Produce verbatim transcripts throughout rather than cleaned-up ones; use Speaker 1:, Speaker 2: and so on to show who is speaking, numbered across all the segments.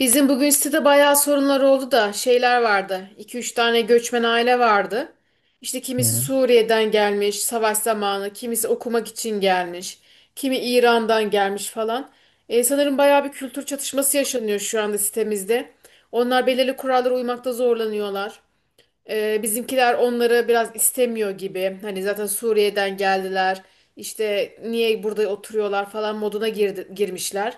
Speaker 1: Bizim bugün sitede bayağı sorunlar oldu da şeyler vardı. İki üç tane göçmen aile vardı. İşte kimisi
Speaker 2: Hı.
Speaker 1: Suriye'den gelmiş savaş zamanı, kimisi okumak için gelmiş, kimi İran'dan gelmiş falan. E, sanırım bayağı bir kültür çatışması yaşanıyor şu anda sitemizde. Onlar belirli kurallara uymakta zorlanıyorlar. Ee, bizimkiler onları biraz istemiyor gibi. Hani zaten Suriye'den geldiler. İşte niye burada oturuyorlar falan moduna girdi, girmişler.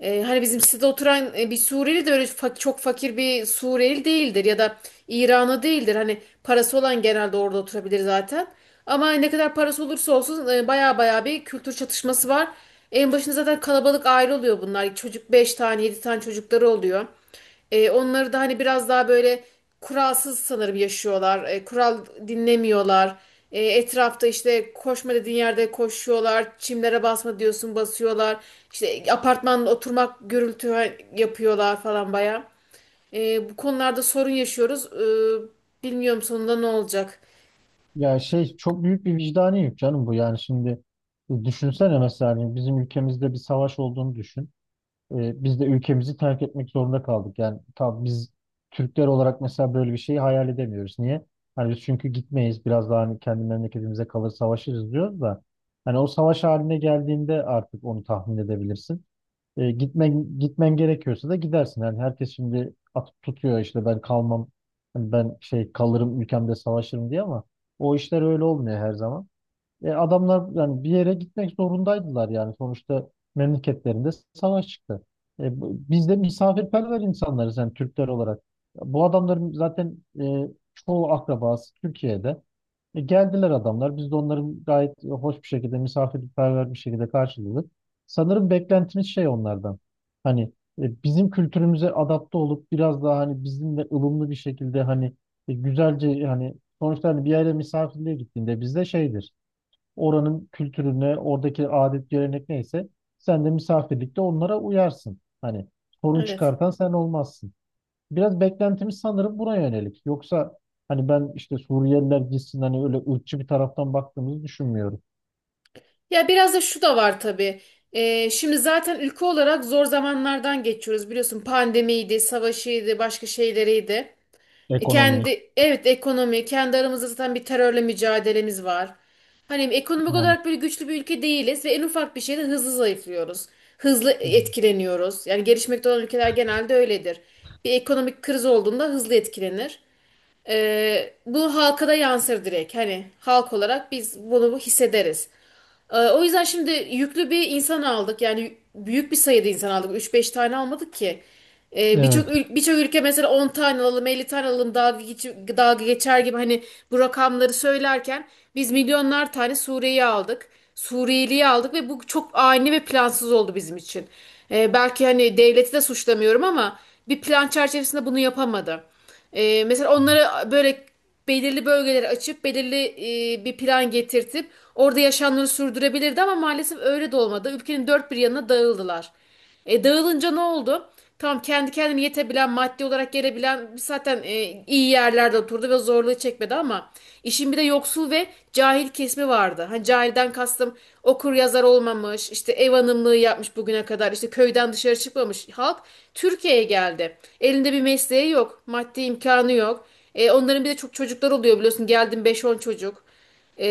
Speaker 1: Ee, hani bizim sitede oturan e, bir Suriyeli de öyle fa- çok fakir bir Suriyeli değildir ya da İranlı değildir. Hani parası olan genelde orada oturabilir zaten. Ama ne kadar parası olursa olsun e, baya baya bir kültür çatışması var. En başında zaten kalabalık aile oluyor bunlar. Çocuk beş tane yedi tane çocukları oluyor. E, onları da hani biraz daha böyle kuralsız sanırım yaşıyorlar. E, kural dinlemiyorlar. E, etrafta işte koşma dediğin yerde koşuyorlar. Çimlere basma diyorsun basıyorlar. İşte apartmanda oturmak gürültü yapıyorlar falan baya. E, bu konularda sorun yaşıyoruz. E, bilmiyorum sonunda ne olacak.
Speaker 2: Ya şey çok büyük bir vicdani yük canım bu yani şimdi, e, düşünsene mesela hani bizim ülkemizde bir savaş olduğunu düşün. E, biz de ülkemizi terk etmek zorunda kaldık. Yani tabii biz Türkler olarak mesela böyle bir şeyi hayal edemiyoruz. Niye? Hani biz çünkü gitmeyiz, biraz daha hani kendi memleketimize kalır savaşırız diyoruz da hani o savaş haline geldiğinde artık onu tahmin edebilirsin. E, gitmen gitmen gerekiyorsa da gidersin. Yani herkes şimdi atıp tutuyor işte ben kalmam, ben şey kalırım ülkemde savaşırım diye ama o işler öyle olmuyor her zaman. E, adamlar yani bir yere gitmek zorundaydılar yani sonuçta memleketlerinde savaş çıktı. E, bu- biz de misafirperver insanlarız yani Türkler olarak. Bu adamların zaten e, çoğu akrabası Türkiye'de. E, geldiler adamlar. Biz de onların gayet hoş bir şekilde misafirperver bir şekilde karşıladık. Sanırım beklentimiz şey onlardan. Hani, e, bizim kültürümüze adapte olup biraz daha hani bizimle ılımlı bir şekilde hani, e, güzelce hani, sonuçta hani bir yere misafirliğe gittiğinde bizde şeydir, oranın kültürüne, oradaki adet gelenek neyse sen de misafirlikte onlara uyarsın. Hani sorun
Speaker 1: Evet.
Speaker 2: çıkartan sen olmazsın. Biraz beklentimiz sanırım buna yönelik. Yoksa hani ben işte Suriyeliler gitsin, hani öyle ırkçı bir taraftan baktığımızı düşünmüyorum.
Speaker 1: Ya biraz da şu da var tabii. Ee, şimdi zaten ülke olarak zor zamanlardan geçiyoruz. Biliyorsun pandemiydi, savaşıydı, başka şeyleriydi. E,
Speaker 2: Ekonomi
Speaker 1: kendi Evet, ekonomi, kendi aramızda zaten bir terörle mücadelemiz var. Hani ekonomik
Speaker 2: yani.
Speaker 1: olarak böyle güçlü bir ülke değiliz ve en ufak bir şeyde hızlı zayıflıyoruz. Hızlı etkileniyoruz. Yani gelişmekte olan ülkeler genelde öyledir. Bir ekonomik kriz olduğunda hızlı etkilenir. Ee, bu halka da yansır direkt. Hani halk olarak biz bunu hissederiz. Ee, O yüzden şimdi yüklü bir insan aldık. Yani büyük bir sayıda insan aldık. Üç beş tane almadık ki. Ee, birçok
Speaker 2: Evet.
Speaker 1: ül- birçok ülke mesela on tane alalım, elli tane alalım dalga, geç- dalga geçer gibi hani bu rakamları söylerken biz milyonlar tane Suriye'yi aldık. Suriyeli'yi aldık ve bu çok ani ve plansız oldu bizim için. Ee, belki hani devleti de suçlamıyorum ama bir plan çerçevesinde bunu yapamadı. Ee, mesela onlara böyle belirli bölgeleri açıp belirli e, bir plan getirtip orada yaşamlarını sürdürebilirdi ama maalesef öyle de olmadı. Ülkenin dört bir yanına dağıldılar. E, dağılınca ne oldu? Tamam, kendi kendine yetebilen, maddi olarak gelebilen zaten e, iyi yerlerde oturdu ve zorluğu çekmedi ama işin bir de yoksul ve cahil kesimi vardı. Hani cahilden kastım okur yazar olmamış, işte ev hanımlığı yapmış bugüne kadar, işte köyden dışarı çıkmamış halk Türkiye'ye geldi. Elinde bir mesleği yok, maddi imkanı yok. E, onların bir de çok çocuklar oluyor biliyorsun. Geldim beş on çocuk. E,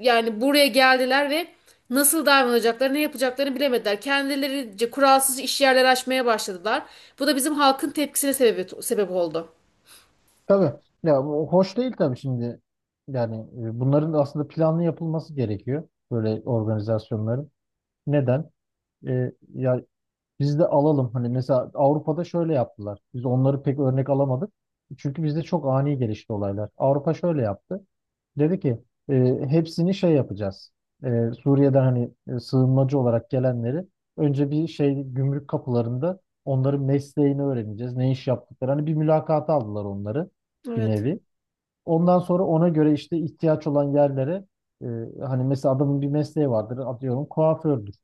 Speaker 1: Yani buraya geldiler ve nasıl davranacaklarını, ne yapacaklarını bilemediler. Kendilerince kuralsız iş yerleri açmaya başladılar. Bu da bizim halkın tepkisine sebep, sebep oldu.
Speaker 2: Tabii. Ya bu hoş değil tabii şimdi. Yani, e, bunların aslında planlı yapılması gerekiyor. Böyle organizasyonların. Neden? E, ya, biz de alalım. Hani mesela Avrupa'da şöyle yaptılar. Biz onları pek örnek alamadık. Çünkü bizde çok ani gelişti olaylar. Avrupa şöyle yaptı. Dedi ki, e, hepsini şey yapacağız. E, Suriye'den hani, e, sığınmacı olarak gelenleri önce bir şey gümrük kapılarında onların mesleğini öğreneceğiz. Ne iş yaptıkları. Hani bir mülakata aldılar onları, bir
Speaker 1: Evet.
Speaker 2: nevi. Ondan sonra ona göre işte ihtiyaç olan yerlere, e, hani mesela adamın bir mesleği vardır, atıyorum kuafördür.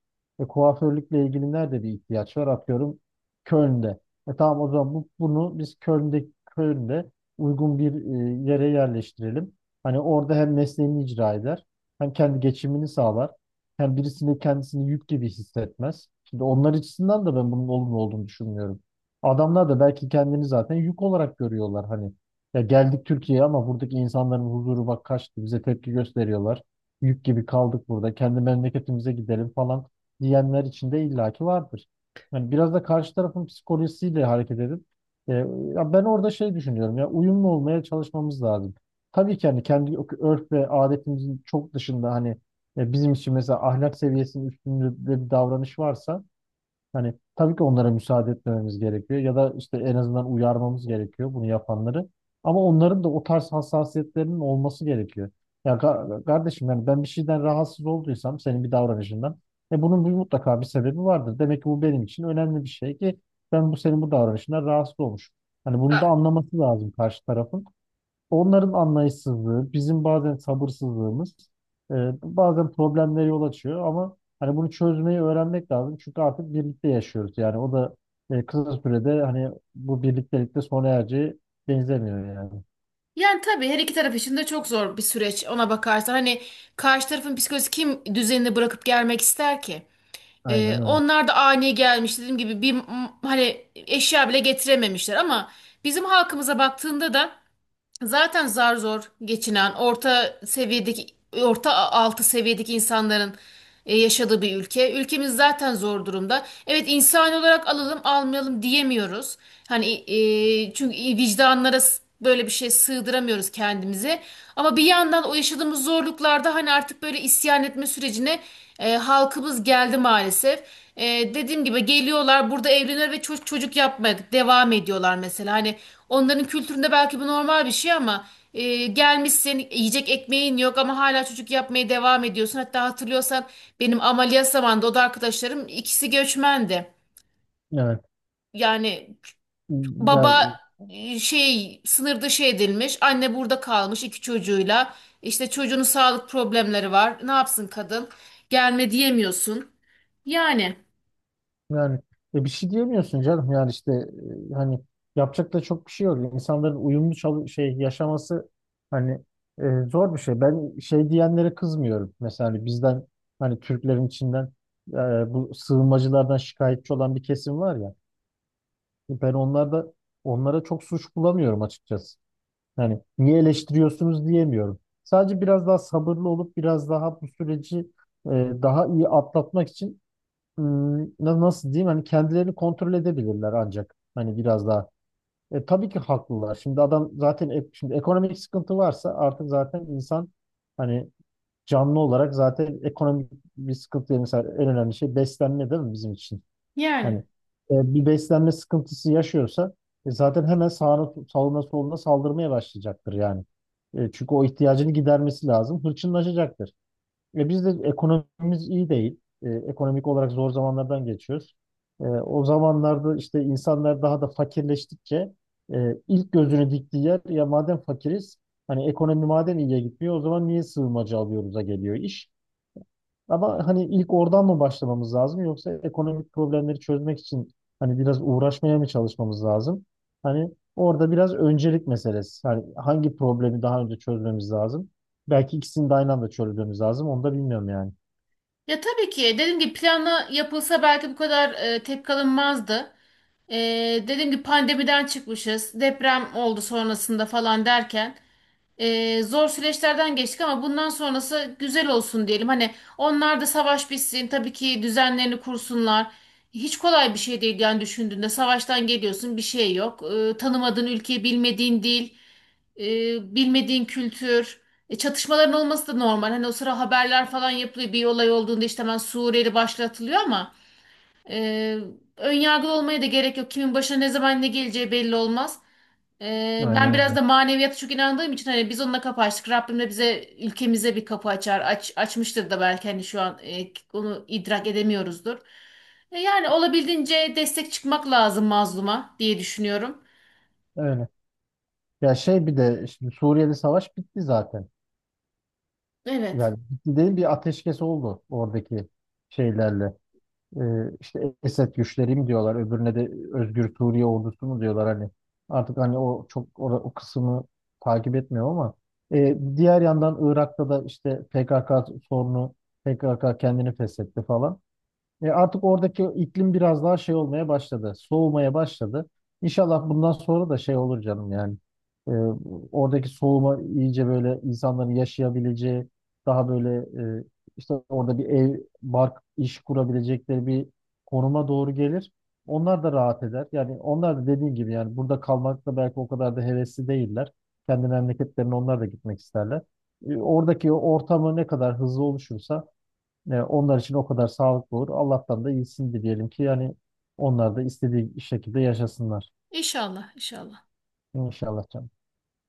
Speaker 2: E, kuaförlükle ilgili nerede bir ihtiyaç var, atıyorum Köln'de. E, tamam, o zaman bu, bunu biz Köln'de Köln'de uygun bir e, yere yerleştirelim. Hani orada hem mesleğini icra eder, hem kendi geçimini sağlar, hem birisini kendisini yük gibi hissetmez. Şimdi onlar açısından da ben bunun olumlu olduğunu düşünmüyorum. Adamlar da belki kendini zaten yük olarak görüyorlar hani. Ya geldik Türkiye'ye ama buradaki insanların huzuru bak kaçtı. Bize tepki gösteriyorlar. Yük gibi kaldık burada. Kendi memleketimize gidelim falan diyenler içinde illaki vardır. Yani biraz da karşı tarafın psikolojisiyle hareket edip, e, ya ben orada şey düşünüyorum, ya uyumlu olmaya çalışmamız lazım. Tabii ki hani kendi örf ve adetimizin çok dışında hani, e, bizim için mesela ahlak seviyesinin üstünde bir davranış varsa, hani tabii ki onlara müsaade etmememiz gerekiyor ya da işte en azından uyarmamız gerekiyor bunu yapanları. Ama onların da o tarz hassasiyetlerinin olması gerekiyor. Ya ka- kardeşim yani ben bir şeyden rahatsız olduysam senin bir davranışından, e bunun bir mutlaka bir sebebi vardır. Demek ki bu benim için önemli bir şey ki ben bu senin bu davranışından rahatsız olmuşum. Hani bunu da
Speaker 1: Ha.
Speaker 2: anlaması lazım karşı tarafın. Onların anlayışsızlığı, bizim bazen sabırsızlığımız, e, bazen problemlere yol açıyor ama hani bunu çözmeyi öğrenmek lazım. Çünkü artık birlikte yaşıyoruz. Yani o da, e, kısa sürede hani bu birliktelikte sona ereceği benzemiyor yani.
Speaker 1: Yani tabii her iki taraf için de çok zor bir süreç ona bakarsan. Hani karşı tarafın psikolojisi kim düzenini bırakıp gelmek ister ki? Ee,
Speaker 2: Aynen öyle.
Speaker 1: onlar da ani gelmiş dediğim gibi bir m- hani eşya bile getirememişler ama bizim halkımıza baktığında da zaten zar zor geçinen orta seviyedeki orta altı seviyedeki insanların e, yaşadığı bir ülke. Ülkemiz zaten zor durumda. Evet, insan olarak alalım almayalım diyemiyoruz. Hani e, çünkü vicdanlara s- böyle bir şey sığdıramıyoruz kendimize. Ama bir yandan o yaşadığımız zorluklarda hani artık böyle isyan etme sürecine e, halkımız geldi maalesef. E, dediğim gibi geliyorlar burada evleniyor ve çocuk çocuk yapmaya devam ediyorlar mesela. Hani onların kültüründe belki bu normal bir şey ama e, gelmişsin yiyecek ekmeğin yok ama hala çocuk yapmaya devam ediyorsun. Hatta hatırlıyorsan benim ameliyat zamanında o da arkadaşlarım ikisi göçmendi.
Speaker 2: Evet.
Speaker 1: Yani
Speaker 2: Ya,
Speaker 1: baba e, şey sınır dışı edilmiş, anne burada kalmış iki çocuğuyla, işte çocuğunun sağlık problemleri var, ne yapsın kadın, gelme diyemiyorsun. Yani.
Speaker 2: yani, e, bir şey diyemiyorsun canım. Yani işte, e, hani yapacak da çok bir şey yok. İnsanların uyumlu çalı- şey yaşaması hani, e, zor bir şey. Ben şey diyenlere kızmıyorum. Mesela hani bizden, hani Türklerin içinden, e, bu sığınmacılardan şikayetçi olan bir kesim var ya. Ben onlarda onlara çok suç bulamıyorum açıkçası. Yani niye eleştiriyorsunuz diyemiyorum. Sadece biraz daha sabırlı olup biraz daha bu süreci, e, daha iyi atlatmak için, ıı, na- nasıl diyeyim, hani kendilerini kontrol edebilirler ancak hani biraz daha. E, tabii ki haklılar. Şimdi adam zaten ek- şimdi ekonomik sıkıntı varsa artık zaten insan hani, canlı olarak zaten ekonomik bir sıkıntı, yani mesela en önemli şey beslenme değil mi bizim için? Hani,
Speaker 1: Yani
Speaker 2: e, bir beslenme sıkıntısı yaşıyorsa, e, zaten hemen sağına, sağına soluna saldırmaya başlayacaktır yani. E, çünkü o ihtiyacını gidermesi lazım. Hırçınlaşacaktır. E, biz de ekonomimiz iyi değil. E, ekonomik olarak zor zamanlardan geçiyoruz. E, o zamanlarda işte insanlar daha da fakirleştikçe, e, ilk gözünü diktiği yer, ya madem fakiriz, hani ekonomi madem iyiye gitmiyor, o zaman niye sığınmacı alıyoruz'a geliyor iş. Ama hani ilk oradan mı başlamamız lazım yoksa ekonomik problemleri çözmek için hani biraz uğraşmaya mı çalışmamız lazım? Hani orada biraz öncelik meselesi. Hani hangi problemi daha önce çözmemiz lazım? Belki ikisini de aynı anda çözmemiz lazım. Onu da bilmiyorum yani.
Speaker 1: ya tabii ki dediğim gibi planla yapılsa belki bu kadar e, tepki alınmazdı. E, dediğim gibi pandemiden çıkmışız, deprem oldu sonrasında falan derken e, zor süreçlerden geçtik ama bundan sonrası güzel olsun diyelim. Hani onlar da savaş bitsin, tabii ki düzenlerini kursunlar. Hiç kolay bir şey değil yani, düşündüğünde savaştan geliyorsun bir şey yok. E, tanımadığın ülke, bilmediğin dil, e, bilmediğin kültür. E, çatışmaların olması da normal. Hani o sıra haberler falan yapılıyor. Bir olay olduğunda işte hemen Suriyeli başlatılıyor ama e, önyargılı olmaya da gerek yok. Kimin başına ne zaman ne geleceği belli olmaz. E,
Speaker 2: Aynen
Speaker 1: ben biraz
Speaker 2: öyle.
Speaker 1: da maneviyata çok inandığım için hani biz onunla kapı açtık. Rabbim de bize ülkemize bir kapı açar. Aç, açmıştır da belki hani şu an e, onu idrak edemiyoruzdur. E, yani olabildiğince destek çıkmak lazım mazluma diye düşünüyorum.
Speaker 2: Öyle. Ya şey, bir de şimdi Suriye'de savaş bitti zaten.
Speaker 1: Evet.
Speaker 2: Yani bitti değil, bir ateşkes oldu oradaki şeylerle. Ee, işte Esed güçleri mi diyorlar, öbürüne de Özgür Suriye ordusu mu diyorlar hani. Artık hani o çok o, o kısmı takip etmiyor ama Ee, diğer yandan Irak'ta da işte P K K sorunu, P K K kendini feshetti falan. E, artık oradaki iklim biraz daha şey olmaya başladı. Soğumaya başladı. İnşallah bundan sonra da şey olur canım yani. E, Oradaki soğuma iyice, böyle insanların yaşayabileceği, daha böyle, e, işte orada bir ev, bark, iş kurabilecekleri bir konuma doğru gelir. Onlar da rahat eder. Yani onlar da dediğim gibi yani burada kalmakta belki o kadar da hevesli değiller. Kendi memleketlerine onlar da gitmek isterler. E, oradaki ortamı ne kadar hızlı oluşursa, e, onlar için o kadar sağlıklı olur. Allah'tan da iyisini dileyelim ki yani onlar da istediği şekilde yaşasınlar.
Speaker 1: İnşallah, inşallah.
Speaker 2: İnşallah canım.